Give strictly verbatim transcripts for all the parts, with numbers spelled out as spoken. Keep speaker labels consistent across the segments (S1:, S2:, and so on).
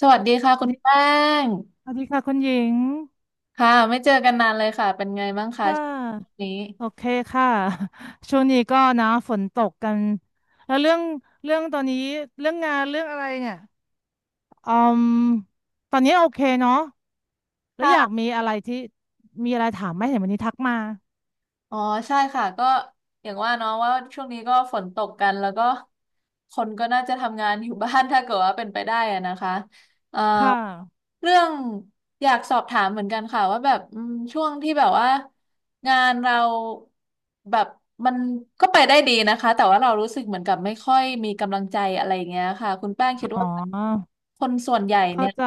S1: สวัสดีค่ะ
S2: สวั
S1: คุ
S2: ส
S1: ณ
S2: ดี
S1: แป้ง
S2: สวัสดีค่ะคุณหญิง
S1: ค่ะไม่เจอกันนานเลยค่ะเป็นไงบ้างคะ
S2: ค่ะ
S1: ช่วงนี้
S2: โอเคค่ะ ช่วงนี้ก็นะฝนตกกัน แล้วเรื่องเรื่องตอนนี้เรื่องงานเรื่องอะไรเนี่ยอืมตอนนี้โอเคเนาะแล้วอยาก
S1: ค่ะ
S2: มีอะไรที่มีอะไรถามไหมเห็นวันนี้ทักมา
S1: อ๋อใช่ค่ะก็อย่างว่าเนาะว่าช่วงนี้ก็ฝนตกกันแล้วก็คนก็น่าจะทำงานอยู่บ้าน ถ้าเกิดว่าเป็นไปได้อะนะคะเอ่อ
S2: ค่ะ
S1: เรื่องอยากสอบถามเหมือนกันค่ะว่าแบบอืมช่วงที่แบบว่างานเราแบบมันก็ไปได้ดีนะคะแต่ว่าเรารู้สึกเหมือนกับไม่ค่อยมีกำลังใจอะไรอย่างเงี้ยค่ะคุณแป้งคิด
S2: อ๋อ
S1: ว่าคนส่วนใหญ่
S2: เข้า
S1: เนี่ย
S2: ใจ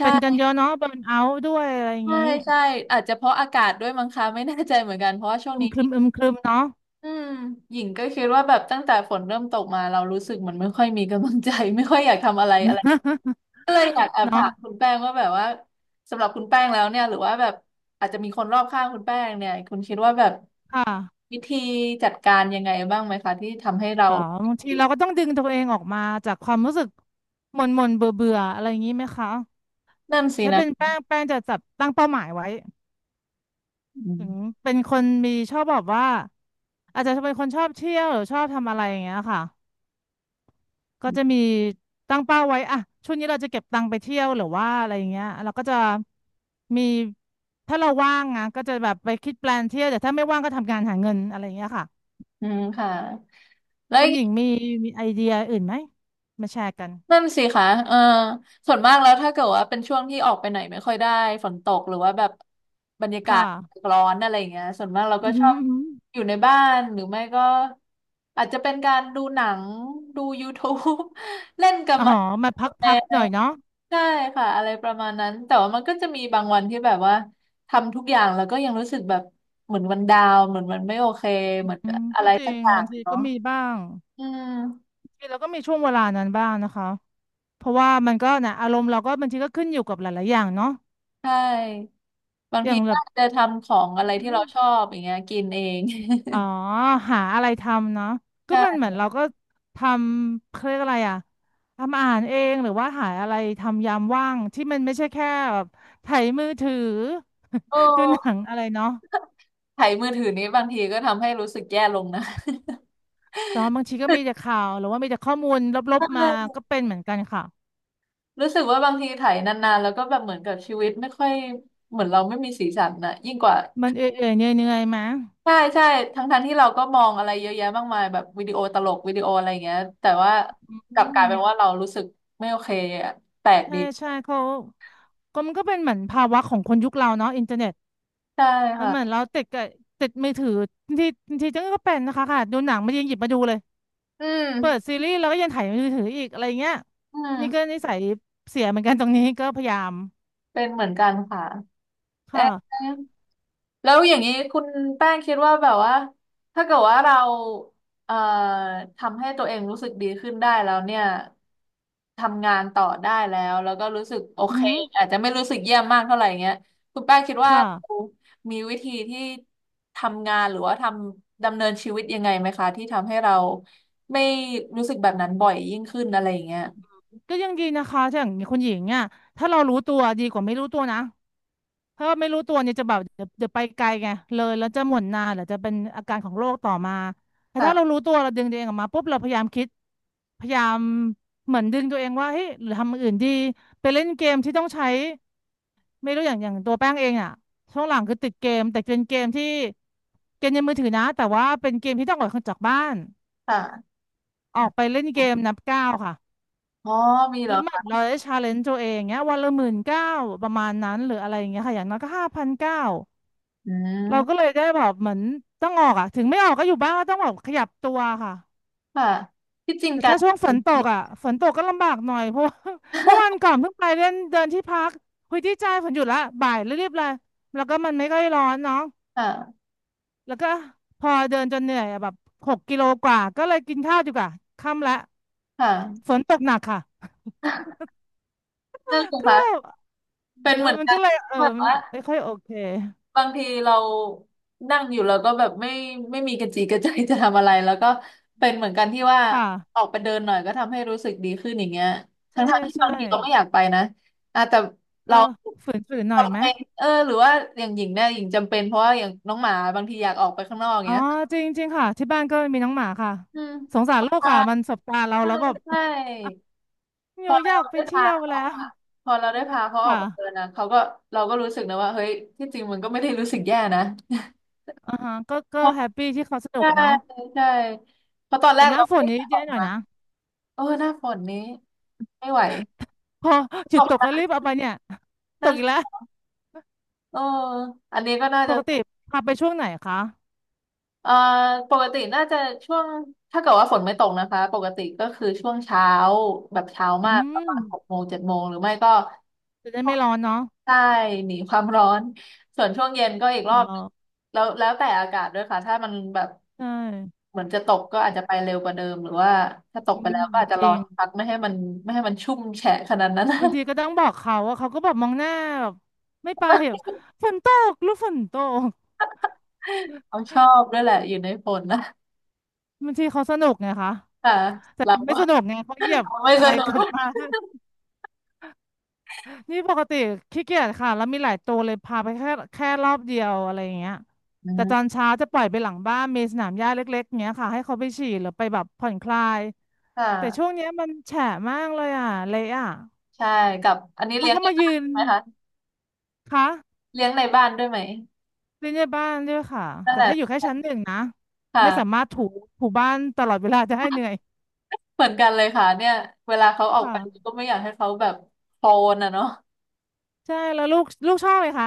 S2: เป็นกันเย
S1: ่
S2: อะเนาะเบิร์นเอาท์ด้วยอะไรอย่าง
S1: ใช่
S2: นี้
S1: ใช่อาจจะเพราะอากาศด้วยมั้งคะไม่แน่ใจเหมือนกันเพราะว่าช่วง
S2: อึม
S1: นี้
S2: ครึมอึมครึมเนาะ
S1: อืมหญิงก็คิดว่าแบบตั้งแต่ฝนเริ่มตกมาเรารู้สึกเหมันไม่ค่อยมีกำลังใจ ไม่ค่อยอยากทำอะไรอะไร ก็เลยอยากแอบ
S2: เนาะ
S1: ถามคุณแป้งว่าแบบว่าสำหรับคุณแป้งแล้วเนี่ยหรือว่าแบบอาจจะมีคนรอบข้างคุณแป้งเนี่ยคุณคิดว่าแบบ
S2: ค่ะ
S1: วิธีจัดการยังไงบ้างไหมคะที่ทำให้เรา
S2: หรอบางทีเราก็ต้องดึงตัวเองออกมาจากความรู้สึกหม่นหม่นเบื่อเบื่อๆอะไรอย่างนี้ไหมคะ
S1: นั่นสิ
S2: ถ้า
S1: นะ
S2: เป็นแป้งแป้งจะจับตั้งเป้าหมายไว้
S1: อืม
S2: ถึงเป็นคนมีชอบแบบว่าอาจจะเป็นคนชอบเที่ยวหรือชอบทำอะไรอย่างเงี้ยค่ะก็จะมีตั้งเป้าไว้อะช่วงนี้เราจะเก็บตังค์ไปเที่ยวหรือว่าอะไรอย่างเงี้ยเราก็จะมีถ้าเราว่างนะก็จะแบบไปคิดแปลนเที่ยวแต่ถ้าไม่ว่างก็ทำงานหาเงินอะไรอย่างเงี้ยค่ะ
S1: อืมค่ะแล้ว
S2: คุณหญิงมีมีไอเดียอื่นไหมมาแชร์กัน
S1: นั่นสิคะเออส่วนมากแล้วถ้าเกิดว่าเป็นช่วงที่ออกไปไหนไม่ค่อยได้ฝนตกหรือว่าแบบบรรยากาศ
S2: ค่ะ
S1: ร้อนอะไรอย่างเงี้ยส่วนมากเราก็
S2: อือ
S1: ช
S2: หื
S1: อ
S2: อ
S1: บ
S2: อือหือ
S1: อยู่ในบ้านหรือไม่ก็อาจจะเป็นการดูหนังดูยู u ูบ e เล่นกับ
S2: อ๋อ
S1: หมา
S2: มา
S1: กับแม
S2: พักๆหน่
S1: ว
S2: อยเนาะ
S1: ใช่ค่ะอะไรประมาณนั้นแต่ว่ามันก็จะมีบางวันที่แบบว่าทำทุกอย่างแล้วก็ยังรู้สึกแบบเหมือนมันดาวน์เหมือนมันไม่โอเคเหมือน
S2: อืม
S1: อะ
S2: ก็
S1: ไร
S2: จริ
S1: สัก
S2: ง
S1: อย่า
S2: บา
S1: ง
S2: งที
S1: เนาะ
S2: ก็มีบ้าง
S1: อืม
S2: ทีเราก็มีช่วงเวลานั้นบ้างนะคะเพราะว่ามันก็นะอารมณ์เราก็บางทีก็ขึ้นอยู่กับหลายๆอย่างเนาะ
S1: ใช่ บาง
S2: อ
S1: ที
S2: ย่างแบ
S1: ก็
S2: บ
S1: อาจจะทำของอะไร
S2: อื
S1: ที่เรา
S2: ม
S1: ชอบอย่างเงี้ยกินเอง
S2: อ๋อหาอะไรทำเนาะก็มัน เหมือ
S1: ใช่
S2: นเราก็ทำเขาเรียกอะไรอะทำอาหารเองหรือว่าหาอะไรทำยามว่างที่มันไม่ใช่แค่แบบไถมือถือ
S1: โอ
S2: ดูหนั
S1: ้
S2: งอะไรเนาะ
S1: ไถมือถือนี้บางทีก็ทำให้รู้สึกแย่ลงนะ
S2: แต่ว่าบางทีก็มีแต่ ข่าวหรือว่ามีแต่ข้อมูลล
S1: ใช
S2: บๆมา
S1: ่
S2: ก็เป็นเหมือนกันค่ะ
S1: รู้สึกว่าบางทีไถนานๆแล้วก็แบบเหมือนกับชีวิตไม่ค่อยเหมือนเราไม่มีสีสันนะยิ่งกว่า
S2: มันเอื่อยๆเหนื่อยๆมั้ย
S1: ใช่ใช่ทั้งๆที่เราก็มองอะไรเยอะแยะมากมายแบบวิดีโอตลกวิดีโออะไรอย่างเงี้ยแต่ว่า
S2: อื
S1: กลับกลา
S2: ม
S1: ยเป็นว่าเรารู้สึกไม่โอเคอะแปลก
S2: ใช่
S1: ดี
S2: ใช่เขาก็มันก็เป็นเหมือนภาวะของคนยุคเราเนาะอินเทอร์เน็ต
S1: ใช่
S2: มันเหมือน
S1: ค่ะ
S2: เราติดกับติดมือถือที่ที่จังก็เป็นนะคะค่ะดูหนังมันยังหยิบมาดูเลย
S1: อื
S2: เปิดซี
S1: ม
S2: รีส์เราก็ยังถ่ายมือถืออีกอะไรเงี้ย
S1: อื
S2: นี่ก็
S1: ม
S2: นิสัยเสียเหมือนกันตรงนี้ก็พยายาม
S1: เป็นเหมือนกันค่ะ
S2: ค
S1: เอ๊ะ
S2: ่ะ
S1: แล้วอย่างนี้คุณแป้งคิดว่าแบบว่าถ้าเกิดว่าเราเอ่อทำให้ตัวเองรู้สึกดีขึ้นได้แล้วเนี่ยทำงานต่อได้แล้วแล้วก็รู้สึกโอ
S2: อื
S1: เค
S2: ม
S1: อาจจะไม่รู้สึกเยี่ยมมากเท่าไหร่เงี้ยคุณแป้งคิดว่า
S2: ค่ะ
S1: เรามีวิธีที่ทำงานหรือว่าทำดำเนินชีวิตยังไงไหมคะที่ทำให้เราไม่รู้สึกแบบนั้นบ่อยยิ่งขึ้นอะไรอย่างเงี้ย
S2: ก็ยังดีนะคะถ้าอย่างคุณหญิงอ่ะถ้าเรารู้ตัวดีกว่าไม่รู้ตัวนะ เพราะไม่รู้ตัวเนี่ยจะแบบเดี๋ยวเดี๋ยวไปไกลไงเลยแล้วจะหม่นนานหรือจะเป็นอาการของโรคต่อมาแต่ถ้าเรา
S1: ค่ะ
S2: รู้ตัวเราดึงตัวเองออกมาปุ๊บเราพยายามคิดพยายามเหมือนดึงตัวเองว่าเฮ้ยหรือทำอย่างอื่นดีไปเล่นเกมที่ต้องใช้ไม่รู้อย่างอย่างตัวแป้งเองอ่ะช่วงหลังคือติดเกมแต่เป็นเกมที่เกมในมือถือนะแต่ว่าเป็นเกมที่ต้องออกจากบ้าน
S1: ค่ะ
S2: ออกไปเล่นเกมนับก้าวค่ะ
S1: อ๋อมีเหร
S2: แล้
S1: อ
S2: วเหมือ
S1: คะ
S2: นเราได้ชาเลนจ์ตัวเองเงี้ยวันละหมื่นเก้าประมาณนั้นหรืออะไรอย่างเงี้ยค่ะอย่างน้อยก็ห้าพันเก้า
S1: อื
S2: เราก็เล
S1: ม
S2: ยได้แบบเหมือนต้องออกอ่ะถึงไม่ออกก็อยู่บ้านก็ต้องแบบขยับตัวค่ะ
S1: ค่ะที่จริง
S2: แต่
S1: กา
S2: ถ้า
S1: ร
S2: ช่วงฝนตกอ่ะฝนตกก็ลำบากหน่อยเพราะว่า เมื่อวัน ก่อนเพิ่งไปเล่นเดินที่พักคุยที่ใจฝนหยุดละบ่ายรีบๆเลยแล้วก็มันไม่ค่อยร้อนเนาะ
S1: ค่ะ
S2: แล้วก็พอเดินจนเหนื่อยอะแบบหกกิโลกว่าก็เลยกินข้าวดีกว่าค่ำละ
S1: ค
S2: ฝ
S1: ่ะ
S2: นตกหนักค่ะ
S1: นั่นสิ
S2: ก็
S1: คะ
S2: แบบ
S1: เป็น
S2: เออ
S1: เหมือน
S2: มัน
S1: กั
S2: ก็
S1: น
S2: เลยเออ
S1: แบบว่า
S2: ไม่ค่อยโอเค
S1: บางทีเรานั่งอยู่แล้วก็แบบไม่ไม่มีกระจีกระใจจะทำอะไรแล้วก็เป็นเหมือนกันที่ว่า
S2: ค่ะ
S1: ออกไปเดินหน่อยก็ทำให้รู้สึกดีขึ้นอย่างเงี้ย
S2: ใช่
S1: ทั้งๆที่
S2: ใช่
S1: บางทีเราไม่อยากไปนะอ่ะแต่เรา
S2: ก็ฝืนฝืนหน่อย
S1: ทำ
S2: ไหม
S1: ไมเออหรือว่าอย่างหญิงเนี่ยหญิงจำเป็นเพราะว่าอย่างน้องหมาบางทีอยากออกไปข้างนอกอย่าง
S2: อ๋อ
S1: เงี้ย
S2: จริงจริงค่ะที่บ้านก็มีน้องหมาค่ะ
S1: อืม
S2: สงสารลูก
S1: ใช่
S2: ค่ะมันสบตาเราแล้วแบบ
S1: ใช่ พ
S2: โย
S1: อ
S2: อ
S1: เรา
S2: ยากไป
S1: ได้
S2: เที่
S1: พา
S2: ยว
S1: เขา
S2: แล้ว
S1: อะพอเราได้พาเขาออก
S2: ค่ะ
S1: ไปเดินนะเขาก็เราก็รู้สึกนะว่า เฮ้ย ที่จริงมันก็ไม่ได้รู้สึกแย่นะ
S2: อ่าฮะก็ก็
S1: เพราะ
S2: แฮปปี้ที่เขาสนุก
S1: ใช่
S2: เนาะ
S1: ใช่เพราะตอนแร
S2: แต่
S1: ก
S2: หน้า
S1: เรา
S2: ฝน
S1: ไม่อ
S2: นี้
S1: ยากอ
S2: แย่
S1: อก
S2: หน่อย
S1: มา
S2: นะ
S1: เออหน้าฝนนี้ไม่ไหว
S2: พอห
S1: ต
S2: ยุด
S1: ก
S2: ตก
S1: น้
S2: ก็รีบเอาไปเนี่ย
S1: ำ
S2: ต
S1: นั่น
S2: ก
S1: แหล
S2: อีกแล้ว
S1: ะเอออันนี้ก็น่า
S2: ป
S1: จะ
S2: กติพาไปช่วงไหนคะ
S1: เอ่อปกติน่าจะช่วง ถ้าเกิดว่าฝนไม่ตกนะคะ ปกติก็คือช่วงเช้าแบบเช้ามา
S2: อื
S1: กประ
S2: ม
S1: มาณหกโมงเจ็ดโมงหรือไม่ก็
S2: จะได้ไม่ร้อนเนาะ
S1: ใช่หนีความร้อนส่วนช่วงเย็นก็อีก
S2: ข
S1: รอ
S2: อง
S1: บ
S2: เรา
S1: แล้วแล้วแต่อากาศด้วยค่ะถ้ามันแบบ
S2: ใช่
S1: เหมือนจะตกก็อาจจะไปเร็วกว่าเดิมหรือว่าถ้าตก
S2: อื
S1: ไปแล้
S2: ม
S1: วก็อาจจะ
S2: จ
S1: ร
S2: ริ
S1: อ
S2: ง
S1: สักพักไม่ให้มันไม่ให้มันชุ่มแฉะขนาดนั้น
S2: บางทีก็ ต้องบอกเขาว่าเขาก็แบบมองหน้าแบบไม่ไปเหรอฝนตกหรือฝนตก
S1: เขาชอบด้วยแหละอยู่ในฝนนะ
S2: บางทีเขาสนุกไงคะ
S1: ค่ะ
S2: แต่
S1: เรา
S2: ไม่
S1: ว่า
S2: สนุกไงเขาเหยียบ
S1: เราไม่
S2: อะ
S1: ส
S2: ไร
S1: นุ
S2: กลับ
S1: ก
S2: มา นี่ ปกติขี้เกียจค่ะแล้วมีหลายตัวเลยพาไปแค่แค่รอบเดียวอะไรอย่างเงี้ย
S1: อื
S2: แต่ต
S1: ม
S2: อนเช้าจะปล่อยไปหลังบ้านมีสนามหญ้าเล็กๆเงี้ยค่ะให้เขาไปฉี่หรือไปแบบผ่อนคลาย
S1: ค่
S2: แต่ช่วง
S1: ะ
S2: เนี้ยมันแฉะมากเลยอ่ะเละอ่ะ
S1: ใช่กับอันนี้
S2: เขา
S1: เลี้ยง
S2: ก็
S1: ใน
S2: มา
S1: บ้า
S2: ยื
S1: น
S2: น
S1: ไหมคะ
S2: คะ
S1: เลี้ยงในบ้านด้วยไหม
S2: เล่นในบ้านด้วยค่ะ
S1: นั่น
S2: แต่
S1: แหละ
S2: ให้อยู่แค่ชั้นหนึ่งนะไม่สา
S1: ค่ะ
S2: มารถถูถูบ้านตลอดเวลาจะให้เหนื่อย
S1: เหมือนกันเลยค่ะเนี่ยเวลาเขาออกไป
S2: ค่ะ
S1: ก็ไม่อยากให้เขาแบบโคนอ่ะเนาะ
S2: ใช่แล้วลูกลูกชอบไหมคะ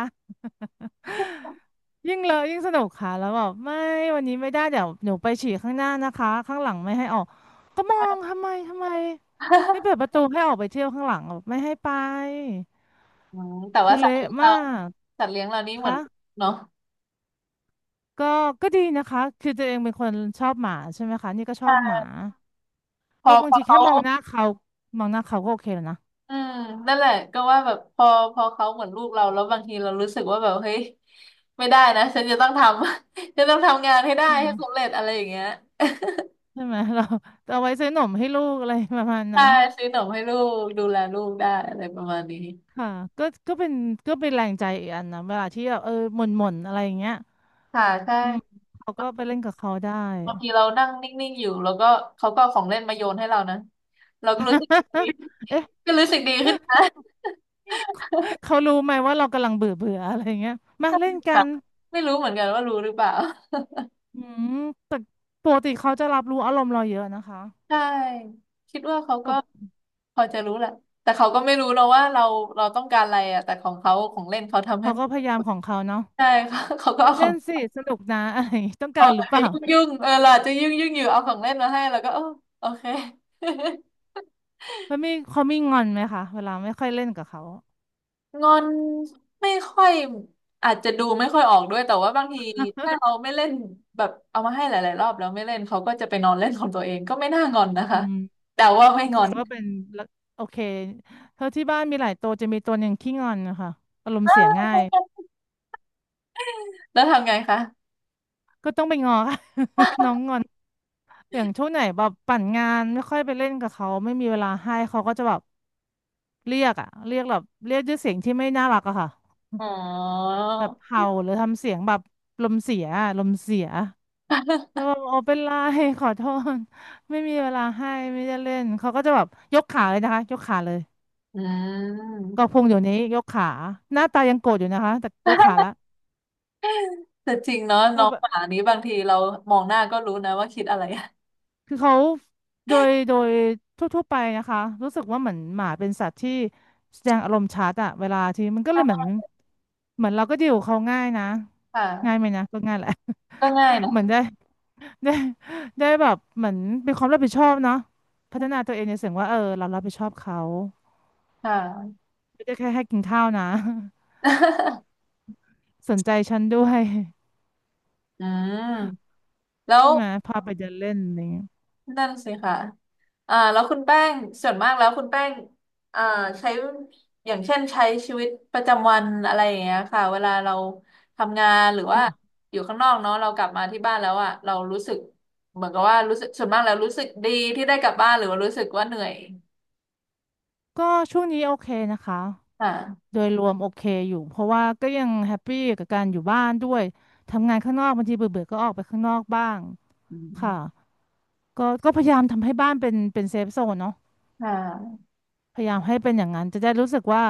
S2: ยิ่งเลอะยิ่งสนุกค่ะแล้วบอกไม่วันนี้ไม่ได้เดี๋ยวหนูไปฉี่ข้างหน้านะคะข้างหลังไม่ให้ออกก็มองทำไมทำไมไม่เปิดประตูให้ออกไปเที่ยวข้างหลังบอกไม่ให้ไป
S1: อืมแต่
S2: คื
S1: ว่า
S2: อ
S1: สัตว์
S2: เละ
S1: เลี้ยง
S2: มา
S1: เรา
S2: ก
S1: สัตว์เลี้ยงเรานี่เหมือน
S2: ค่ะ
S1: เนาะ
S2: ก็ก็ดีนะคะคือตัวเองเป็นคนชอบหมาใช่ไหมคะนี่ก็ชอบหมา
S1: ่พ
S2: ก็
S1: อ
S2: บา
S1: พ
S2: ง
S1: อ
S2: ทีแค่
S1: เขา
S2: มองหน้าเขามองหน้าเขาก็โอเคแล้วนะ
S1: อืมนั่นแหละก็ว่าแบบพอพอเขาเหมือนลูกเราแล้วบางทีเรารู้สึกว่าแบบเฮ้ยไม่ได้นะฉันจะต้องทำ ฉันต้องทำงานให้ได้
S2: ใช่ไหม
S1: ให้สำเร็จอะไรอย่างเงี้ย
S2: ใช่ไหมเราเอาไว้ซื้อหนมให้ลูกอะไรประมาณ
S1: ใช่
S2: นั้น
S1: ซื้อขนมให้ลูกดูแลลูกได้อะไรประมาณนี้
S2: ค่ะก็ก็เป็นก็เป็นแรงใจอีกอันนะเวลาที่แบบเออหม่นหม่นอะไรอย่างเงี้ย
S1: ค่ะใช่
S2: อืมเขาก็ไปเล่นกับเขาได้
S1: บางทีเรานั่งนิ่งๆอยู่แล้วก็เขาก็เอาของเล่นมาโยนให้เรานะเราก็รู้สึกดี
S2: เอ๊ะ
S1: ก็รู้สึกดีขึ้นนะ
S2: เขารู้ไหมว่าเรากำลังเบื่อเบื่ออะไรอย่างเงี้ยมาเล่นกั
S1: ค่ะ
S2: น
S1: ไม่รู้เหมือนกันว่ารู้หรือเปล่า
S2: อืมแต่ปกติเขาจะรับรู้อารมณ์เราเยอะนะคะ
S1: ใช่คิดว่าเขาก็
S2: แบบ
S1: พอจะรู้แหละแต่เขาก็ไม่รู้เราว่าเราเราต้องการอะไรอ่ะแต่ของเขาของเล่นเขาทำให้
S2: เขาก็พยายามของเขาเนาะ
S1: ใช่ค่ะเขาก็เอาข
S2: เล่
S1: อ
S2: นสิ
S1: ง
S2: สนุกนะอะไรอย่างงี้ต้องกา
S1: เรา
S2: รหรื
S1: อา
S2: อ
S1: จ
S2: เป
S1: จะ
S2: ล่า
S1: ยุ่งยุ่งเออเราอาจจะยุ่งยุ่งอยู่เอาของเล่นมาให้เราก็เออโอเค
S2: แล้วมีเขามีงอนไหมคะเวลาไม่ค่อยเล่นกับเขา
S1: งอนไม่ค่อยอาจจะดูไม่ค่อยออกด้วยแต่ว่าบางทีถ้าเราไม่เล่นแบบเอามาให้หลายๆรอบแล้วไม่เล่นเขาก็จะไปนอนเล่นของตัวเองก็ไม่น่างอนนะ
S2: อื
S1: คะแต่ว่าไม่ง
S2: แส
S1: อ
S2: ด
S1: น
S2: งว่าเป็นละโอเคเท่าที่บ้านมีหลายตัวจะมีตัวหนึ่งขี้งอนนะคะอารมณ์เสียง่าย
S1: แล้วทำไงคะ
S2: ก็ต้องไปงอ ค่ะ น้องงอนอย่างช่วงไหนแบบปั่นงานไม่ค่อยไปเล่นกับเขาไม่มีเวลาให้เขาก็จะแบบเรียกอะเรียกแบบเรียกด้วยเสียงที่ไม่น่ารักอะค่ะ
S1: อ๋อ
S2: แบบเห่าหรือทำเสียงแบบลมเสียอะลมเสียแล้วแบบโอเป็นไร ขอโทษไม่มีเวลาให้ไม่ได้เล่นเขาก็จะแบบยกขาเลยนะคะยกขาเลย
S1: อื
S2: ก็
S1: ม
S2: พงอยู่นี้ยกขาหน้าตายังโกรธอยู่นะคะแต่ยกขาละ
S1: แต่จริงเนาะน้องหมานี้บางทีเรามองหน้าก็รู้นะว่าคิดอะไร
S2: คือเขาโดยโดยทั่วๆไปนะคะรู้สึกว่าเหมือนหมาเป็นสัตว์ที่แสดงอารมณ์ชัดอะเวลาที่มันก็เลยเหมือนเหมือนเราก็ดีลกับเขาง่ายนะ
S1: ค
S2: ง่ายไหม
S1: ่ะ
S2: นะก็ง่ายแหละ
S1: ก็ง่าย นะ
S2: เหมือนได้ได้ได้แบบเหมือนเป็นความรับผิดชอบเนาะพัฒนาตัวเองในเสียงว่าเออเรารับผิดชอบเขา
S1: ค่ะ
S2: ไม่ได้แค่ให้กินข้าวนะ สนใจฉันด้วย
S1: อืมแล้ว
S2: ใช่ไหมพาไปเดินเล่นอะไรอย่างเงี้ย
S1: นั่นสิค่ะอ่าแล้วคุณแป้งส่วนมากแล้วคุณแป้งอ่าใช้อย่างเช่นใช้ชีวิตประจำวันอะไรอย่างเงี้ยค่ะเวลาเราทำงานหรือว่า
S2: ค่ะ
S1: อยู่ข้างนอกเนาะเรากลับมาที่บ้านแล้วอ่ะเรารู้สึกเหมือนกับว่ารู้สึกส่วนมากแล้วรู้สึกดีที่ได้กลับบ้านหรือว่ารู้สึกว่าเหนื่อย
S2: ก็ช่วงนี้โอเคนะคะ
S1: ค่ะ
S2: โดยรวมโอเคอยู่เพราะว่าก็ยังแฮปปี้กับการอยู่บ้านด้วยทำงานข้างนอกบางทีเบื่อเบก็ออกไปข้างนอกบ้าง
S1: อื
S2: ค่ะ
S1: ม
S2: ก็ก็พยายามทำให้บ้านเป็นเป็นเซฟโซนเนาะ
S1: ค่ะ
S2: พยายามให้เป็นอย่างนั้นจะได้รู้สึกว่า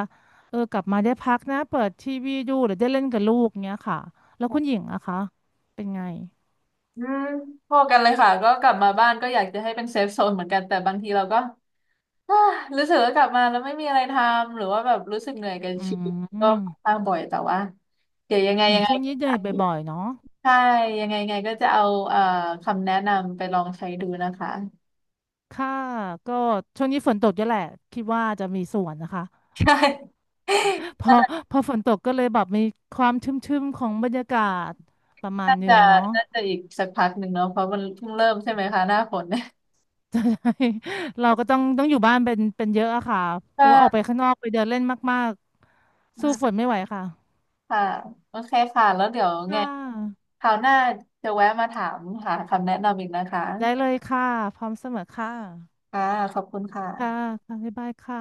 S2: เออกลับมาได้พักนะเปิดทีวีดูหรือได้เล่นกับลูกเงี้ยค่ะแล้วคุณหญิงอะคะเป็นไง
S1: อืมพอกันเลยค่ะก็กลับมาบ้านก็อยากจะให้เป็นเซฟโซนเหมือนกันแต่บางทีเราก็ อ่ารู้สึกว่ากลับมาแล้วไม่มีอะไรทำหรือว่าแบบรู้สึกเหนื่อยกับ
S2: อื
S1: ชีวิตก็
S2: ม
S1: ค่อนข้างบ่อยแต่ว่าเดี๋ยวยังไง
S2: อืม
S1: ยังไง
S2: ช่วงนี้เหนื่อยบ่อยๆเนาะ
S1: ใช่ยังไงยังไงก็จะเอาเอ่อคำแนะนำไปลองใช้ดูนะคะ
S2: ค่ะก็ช่วงนี้ฝนตกเยอะแหละคิดว่าจะมีส่วนนะคะ
S1: ใช่
S2: พอพอฝนตกก็เลยแบบมีความชุ่มๆของบรรยากาศประมาณ
S1: น่า
S2: หนึ่
S1: จะ
S2: งเนาะ
S1: น่าจะอีกสักพักหนึ่งเนาะเพราะมันเพิ่งเริ่มใช่ไหมคะหน้าฝนเนี่ย
S2: ใช่เราก็ต้องต้องอยู่บ้านเป็นเป็นเยอะอะค่ะเพ
S1: ก็
S2: ราะว่าออกไปข้างนอกไปเดินเล่นมากๆ
S1: อื
S2: สู้ฝ
S1: ม
S2: นไม่ไหวค่ะ
S1: ค่ะโอเคค่ะแล้วเดี๋ยวไง
S2: ค่ะ
S1: คราวหน้าจะแวะมาถามหาคำแนะนำอีกนะคะ
S2: ได้เลยค่ะพร้อมเสมอค่ะ
S1: ค่ะขอบคุณค่ะ
S2: ค่ะค่ะบ๊ายบายค่ะ